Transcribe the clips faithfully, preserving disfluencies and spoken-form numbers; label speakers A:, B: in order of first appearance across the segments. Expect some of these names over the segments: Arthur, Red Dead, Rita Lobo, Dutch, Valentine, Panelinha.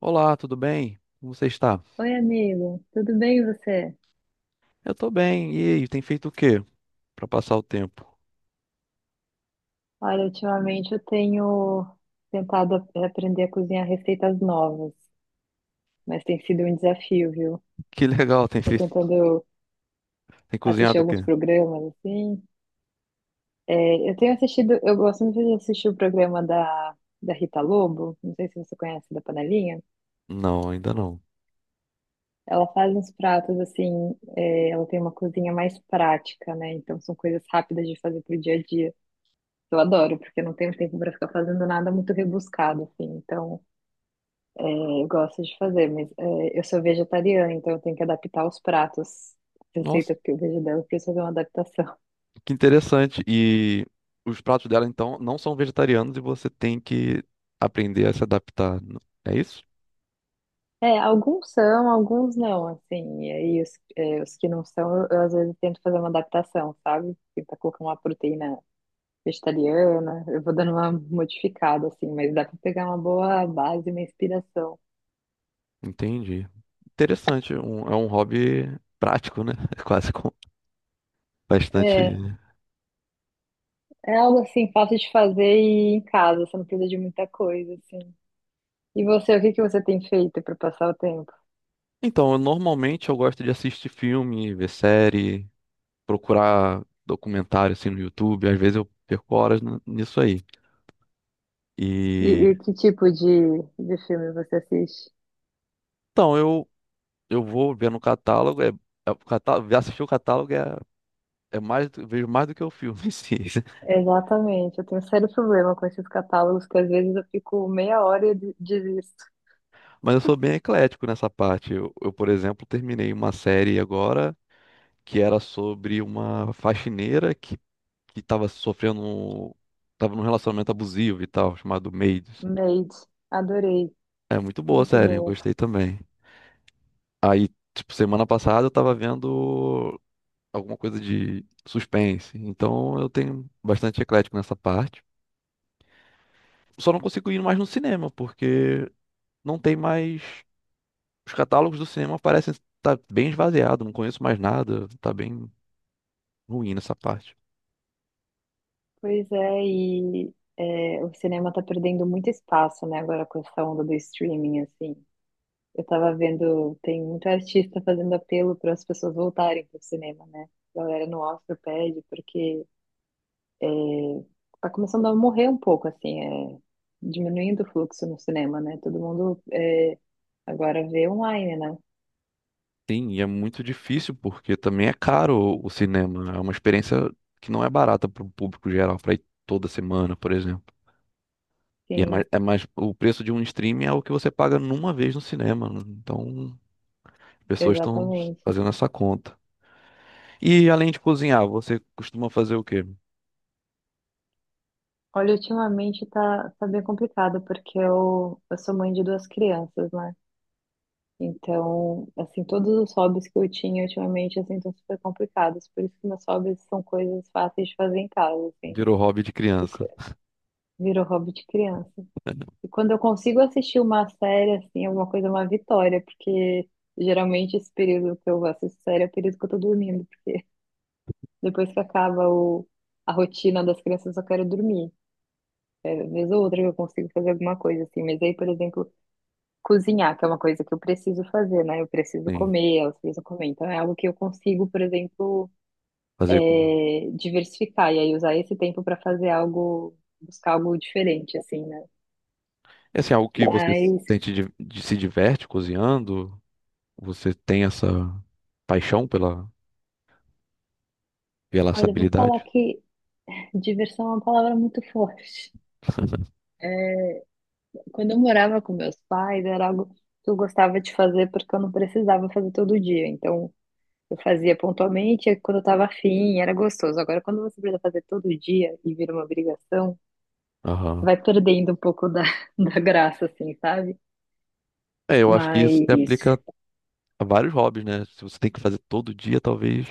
A: Olá, tudo bem? Como você está?
B: Oi, amigo, tudo bem e você?
A: Eu tô bem. E aí, tem feito o quê para passar o tempo?
B: Olha, ultimamente eu tenho tentado ap- aprender a cozinhar receitas novas, mas tem sido um desafio, viu?
A: Que legal, tem
B: Tô
A: feito,
B: tentando
A: tem
B: assistir
A: cozinhado o
B: alguns
A: quê?
B: programas, assim. É, eu tenho assistido, eu gosto muito de assistir o programa da, da Rita Lobo, não sei se você conhece, da Panelinha.
A: Não, ainda não.
B: Ela faz uns pratos, assim, é, ela tem uma cozinha mais prática, né? Então são coisas rápidas de fazer pro dia a dia. Eu adoro, porque eu não tenho tempo para ficar fazendo nada muito rebuscado, assim, então. É, eu gosto de fazer, mas é, eu sou vegetariana, então eu tenho que adaptar os pratos,
A: Nossa,
B: receitas que eu vejo dela, eu preciso fazer uma adaptação.
A: que interessante. E os pratos dela então não são vegetarianos e você tem que aprender a se adaptar. É isso?
B: É, alguns são, alguns não, assim, e aí os, é, os que não são, eu, eu às vezes tento fazer uma adaptação, sabe? Tentar colocar uma proteína vegetariana, eu vou dando uma modificada, assim, mas dá pra pegar uma boa base, uma inspiração.
A: Entendi. Interessante. Um- é um hobby prático, né? Quase com
B: É,
A: bastante.
B: é algo, assim, fácil de fazer e em casa, você não precisa de muita coisa, assim. E você, o que que você tem feito para passar o tempo?
A: Então, eu, normalmente eu gosto de assistir filme, ver série. Procurar documentário assim no YouTube, às vezes eu perco horas n- nisso aí.
B: E,
A: E
B: e que tipo de, de filme você assiste?
A: então eu eu vou ver no catálogo, é, é o catálogo, assistir o catálogo é. É mais, do- vejo mais do que o filme em si.
B: Exatamente, eu tenho um sério problema com esses catálogos, que às vezes eu fico meia hora e de- desisto.
A: Mas eu sou bem eclético nessa parte. Eu, eu, por exemplo, terminei uma série agora que era sobre uma faxineira que, que estava sofrendo, estava num relacionamento abusivo e tal, chamado Maids.
B: Made, adorei,
A: É muito boa a
B: muito
A: série, eu
B: bom.
A: gostei também. Aí, tipo, semana passada eu tava vendo alguma coisa de suspense. Então eu tenho bastante eclético nessa parte. Só não consigo ir mais no cinema, porque não tem mais. Os catálogos do cinema parecem estar bem esvaziados, não conheço mais nada, tá bem ruim nessa parte.
B: Pois é, e é, o cinema tá perdendo muito espaço, né, agora com essa onda do streaming, assim. Eu tava vendo, tem muito artista fazendo apelo para as pessoas voltarem pro cinema, né? A galera no Oscar pede, porque tá começando a morrer um pouco, assim, é, diminuindo o fluxo no cinema, né? Todo mundo é, agora vê online, né?
A: Sim, e é muito difícil porque também é caro o o cinema, é uma experiência que não é barata para o público geral, para ir toda semana, por exemplo. E é mais,
B: Sim,
A: é mais, o preço de um streaming é o que você paga numa vez no cinema, né? Então as pessoas estão
B: exatamente.
A: fazendo essa conta. E além de cozinhar, você costuma fazer o quê?
B: Olha, ultimamente tá, tá bem complicado, porque eu, eu sou mãe de duas crianças, né? Então, assim, todos os hobbies que eu tinha ultimamente, assim, estão super complicados. Por isso que meus hobbies são coisas fáceis de fazer em casa, assim.
A: Virou hobby de
B: E co-
A: criança.
B: virou hobby de criança. E quando eu consigo assistir uma série, assim, alguma coisa, é uma vitória, porque geralmente esse período que eu assisto série é o período que eu tô dormindo. Depois que acaba o, a rotina das crianças, eu só quero dormir. É, vez ou outra que eu consigo fazer alguma coisa, assim. Mas aí, por exemplo, cozinhar, que é uma coisa que eu preciso fazer, né? Eu preciso
A: Sim,
B: comer, elas precisam comer. Então é algo que eu consigo, por exemplo,
A: fazer. Com.
B: é, diversificar. E aí usar esse tempo para fazer algo, buscar algo diferente, assim, né?
A: É assim, algo que você
B: Mas,
A: sente de, de- se diverte cozinhando? Você tem essa paixão pela, pela essa
B: olha, eu vou falar
A: habilidade?
B: que. Diversão é uma palavra muito forte. É, quando eu morava com meus pais, era algo que eu gostava de fazer porque eu não precisava fazer todo dia. Então, eu fazia pontualmente, e quando eu estava afim, era gostoso. Agora, quando você precisa fazer todo dia e vira uma obrigação,
A: Aham.
B: vai perdendo um pouco da, da graça, assim, sabe?
A: É, eu acho que isso se
B: Mas,
A: aplica a vários hobbies, né? Se você tem que fazer todo dia, talvez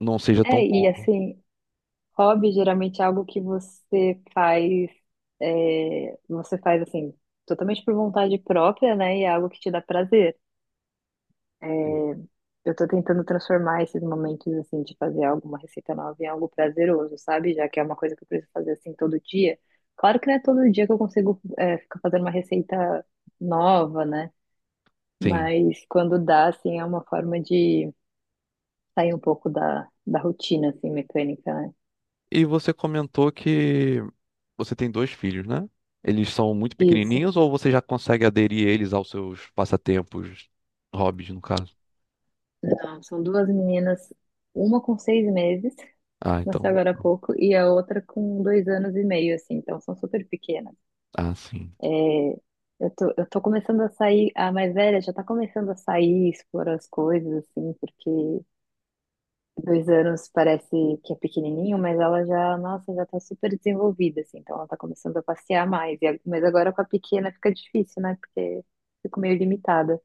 A: não seja tão
B: é, e
A: bom.
B: assim, hobby geralmente é algo que você faz, é, você faz, assim, totalmente por vontade própria, né? E é algo que te dá prazer. Eu tô tentando transformar esses momentos, assim, de fazer alguma receita nova em algo prazeroso, sabe? Já que é uma coisa que eu preciso fazer, assim, todo dia. Claro que não é todo dia que eu consigo, é, ficar fazendo uma receita nova, né?
A: Sim.
B: Mas quando dá, assim, é uma forma de sair um pouco da, da, rotina, assim, mecânica, né?
A: E você comentou que você tem dois filhos, né? Eles são muito
B: Isso.
A: pequenininhos ou você já consegue aderir eles aos seus passatempos, hobbies, no caso?
B: Não, são duas meninas, uma com seis meses,
A: Ah,
B: nasceu
A: então.
B: agora há pouco, e a outra com dois anos e meio, assim. Então, são super pequenas.
A: Ah, sim.
B: É, Eu tô, eu tô começando a sair, a mais velha já tá começando a sair, explorar as coisas, assim, porque dois anos parece que é pequenininho, mas ela já, nossa, já tá super desenvolvida, assim, então ela tá começando a passear mais. E a- mas agora com a pequena fica difícil, né? Porque fico meio limitada.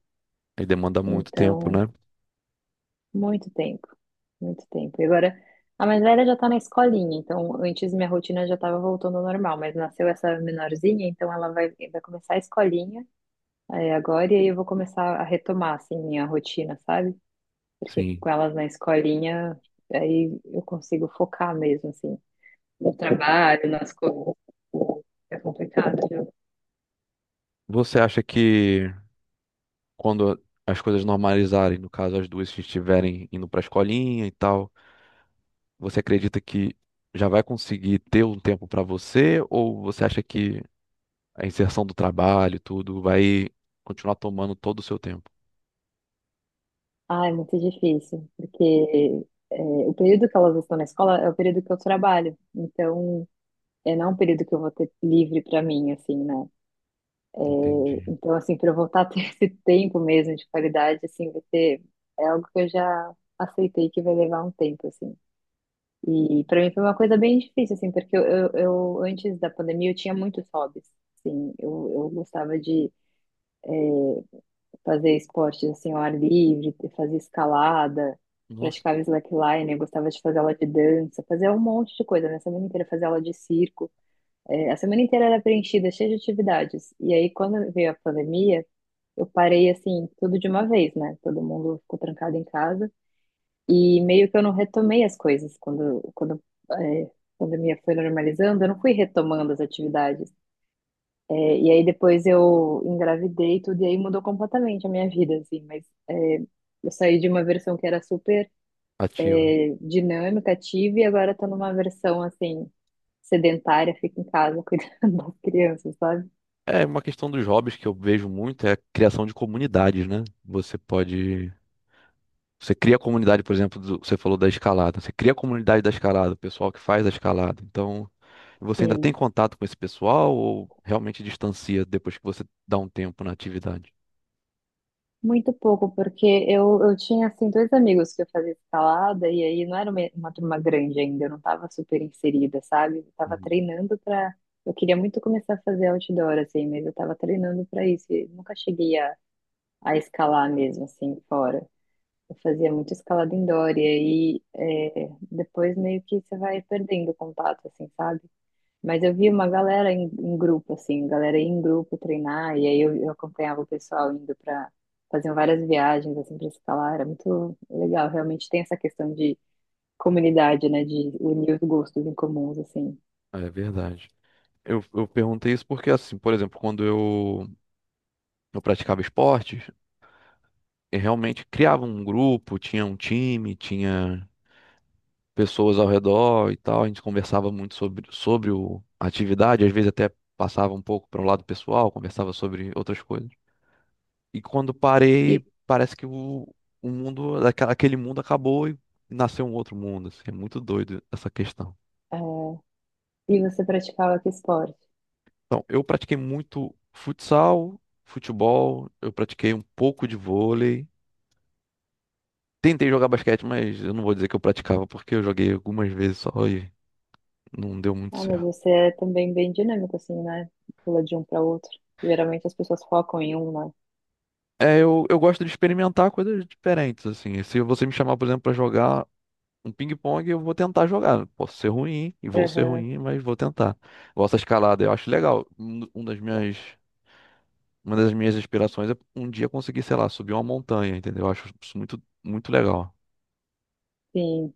A: Aí demanda muito tempo,
B: Então,
A: né?
B: muito tempo, muito tempo. E agora, a mais velha já tá na escolinha, então antes minha rotina já tava voltando ao normal, mas nasceu essa menorzinha, então ela vai, vai começar a escolinha. É, agora e aí eu vou começar a retomar assim minha rotina, sabe? Porque
A: Sim.
B: com elas na escolinha, aí eu consigo focar mesmo assim no trabalho, nas coisas. É complicado, viu?
A: Você acha que quando as coisas normalizarem, no caso as duas estiverem indo pra escolinha e tal, você acredita que já vai conseguir ter um tempo para você, ou você acha que a inserção do trabalho, tudo, vai continuar tomando todo o seu tempo?
B: Ah, é muito difícil, porque é, o período que elas estão na escola é o período que eu trabalho. Então, é não é um período que eu vou ter livre para mim, assim, né? É,
A: Entendi.
B: então, assim, para eu voltar a ter esse tempo mesmo de qualidade, assim, vai ter, é algo que eu já aceitei que vai levar um tempo, assim. E para mim foi uma coisa bem difícil, assim, porque eu, eu, eu, antes da pandemia eu tinha muitos hobbies. Assim, eu, eu gostava de fazer esportes assim, ao ar livre, fazer escalada,
A: Nossa,
B: praticava slackline, eu gostava de fazer aula de dança, fazia um monte de coisa, né? A semana inteira fazia aula de circo. É, a semana inteira era preenchida, cheia de atividades. E aí, quando veio a pandemia, eu parei assim, tudo de uma vez, né? Todo mundo ficou trancado em casa. E meio que eu não retomei as coisas quando, quando é, a pandemia foi normalizando, eu não fui retomando as atividades. É, e aí depois eu engravidei e tudo, e aí mudou completamente a minha vida, assim. Mas é, eu saí de uma versão que era super
A: ativa.
B: é, dinâmica, ativa, e agora tô numa versão, assim, sedentária, fico em casa cuidando das crianças, sabe?
A: É uma questão dos hobbies que eu vejo muito é a criação de comunidades, né? Você pode. Você cria a comunidade, por exemplo, do- você falou da escalada. Você cria a comunidade da escalada, o pessoal que faz a escalada. Então, você ainda tem
B: Sim,
A: contato com esse pessoal ou realmente distancia depois que você dá um tempo na atividade?
B: muito pouco, porque eu, eu tinha, assim, dois amigos que eu fazia escalada, e aí não era uma, uma turma grande ainda, eu não tava super inserida, sabe? Eu tava
A: Uhum.
B: treinando pra. Eu queria muito começar a fazer outdoor, assim, mas eu tava treinando pra isso, e nunca cheguei a, a escalar mesmo, assim, fora. Eu fazia muito escalada indoor, e aí é, depois meio que você vai perdendo o contato, assim, sabe? Mas eu vi uma galera em, em grupo, assim, galera ia em grupo treinar, e aí eu, eu acompanhava o pessoal indo para faziam várias viagens, assim, para escalar, era muito legal, realmente tem essa questão de comunidade, né, de unir os gostos em comuns, assim.
A: É verdade. Eu, eu perguntei isso porque, assim, por exemplo, quando eu, eu praticava esportes, eu realmente criava um grupo, tinha um time, tinha pessoas ao redor e tal. A gente conversava muito sobre, sobre o, a atividade, às vezes até passava um pouco para o lado pessoal, conversava sobre outras coisas. E quando parei,
B: E,
A: parece que o, o mundo, aquela- aquele mundo acabou e nasceu um outro mundo. Assim, é muito doido essa questão.
B: é, e você praticava que esporte?
A: Então, eu pratiquei muito futsal, futebol, eu pratiquei um pouco de vôlei. Tentei jogar basquete, mas eu não vou dizer que eu praticava, porque eu joguei algumas vezes só e não deu muito
B: Ah, mas
A: certo.
B: você é também bem dinâmico, assim, né, pula de um para outro. Geralmente as pessoas focam em um, né?
A: É, eu, eu gosto de experimentar coisas diferentes, assim. Se você me chamar, por exemplo, pra jogar um ping-pong, eu vou tentar jogar. Posso ser ruim, e vou ser
B: Aham,
A: ruim, mas vou tentar. Gosto da escalada, eu acho legal. Um, um das minhas, uma das minhas aspirações é um dia conseguir, sei lá, subir uma montanha, entendeu? Eu acho isso muito, muito legal.
B: sim.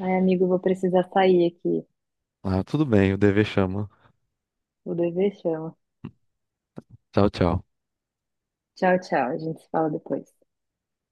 B: Ai, amigo, vou precisar sair aqui,
A: Ah, tudo bem, o dever chama.
B: o dever chama.
A: Tchau, tchau.
B: Tchau, tchau, a gente se fala depois.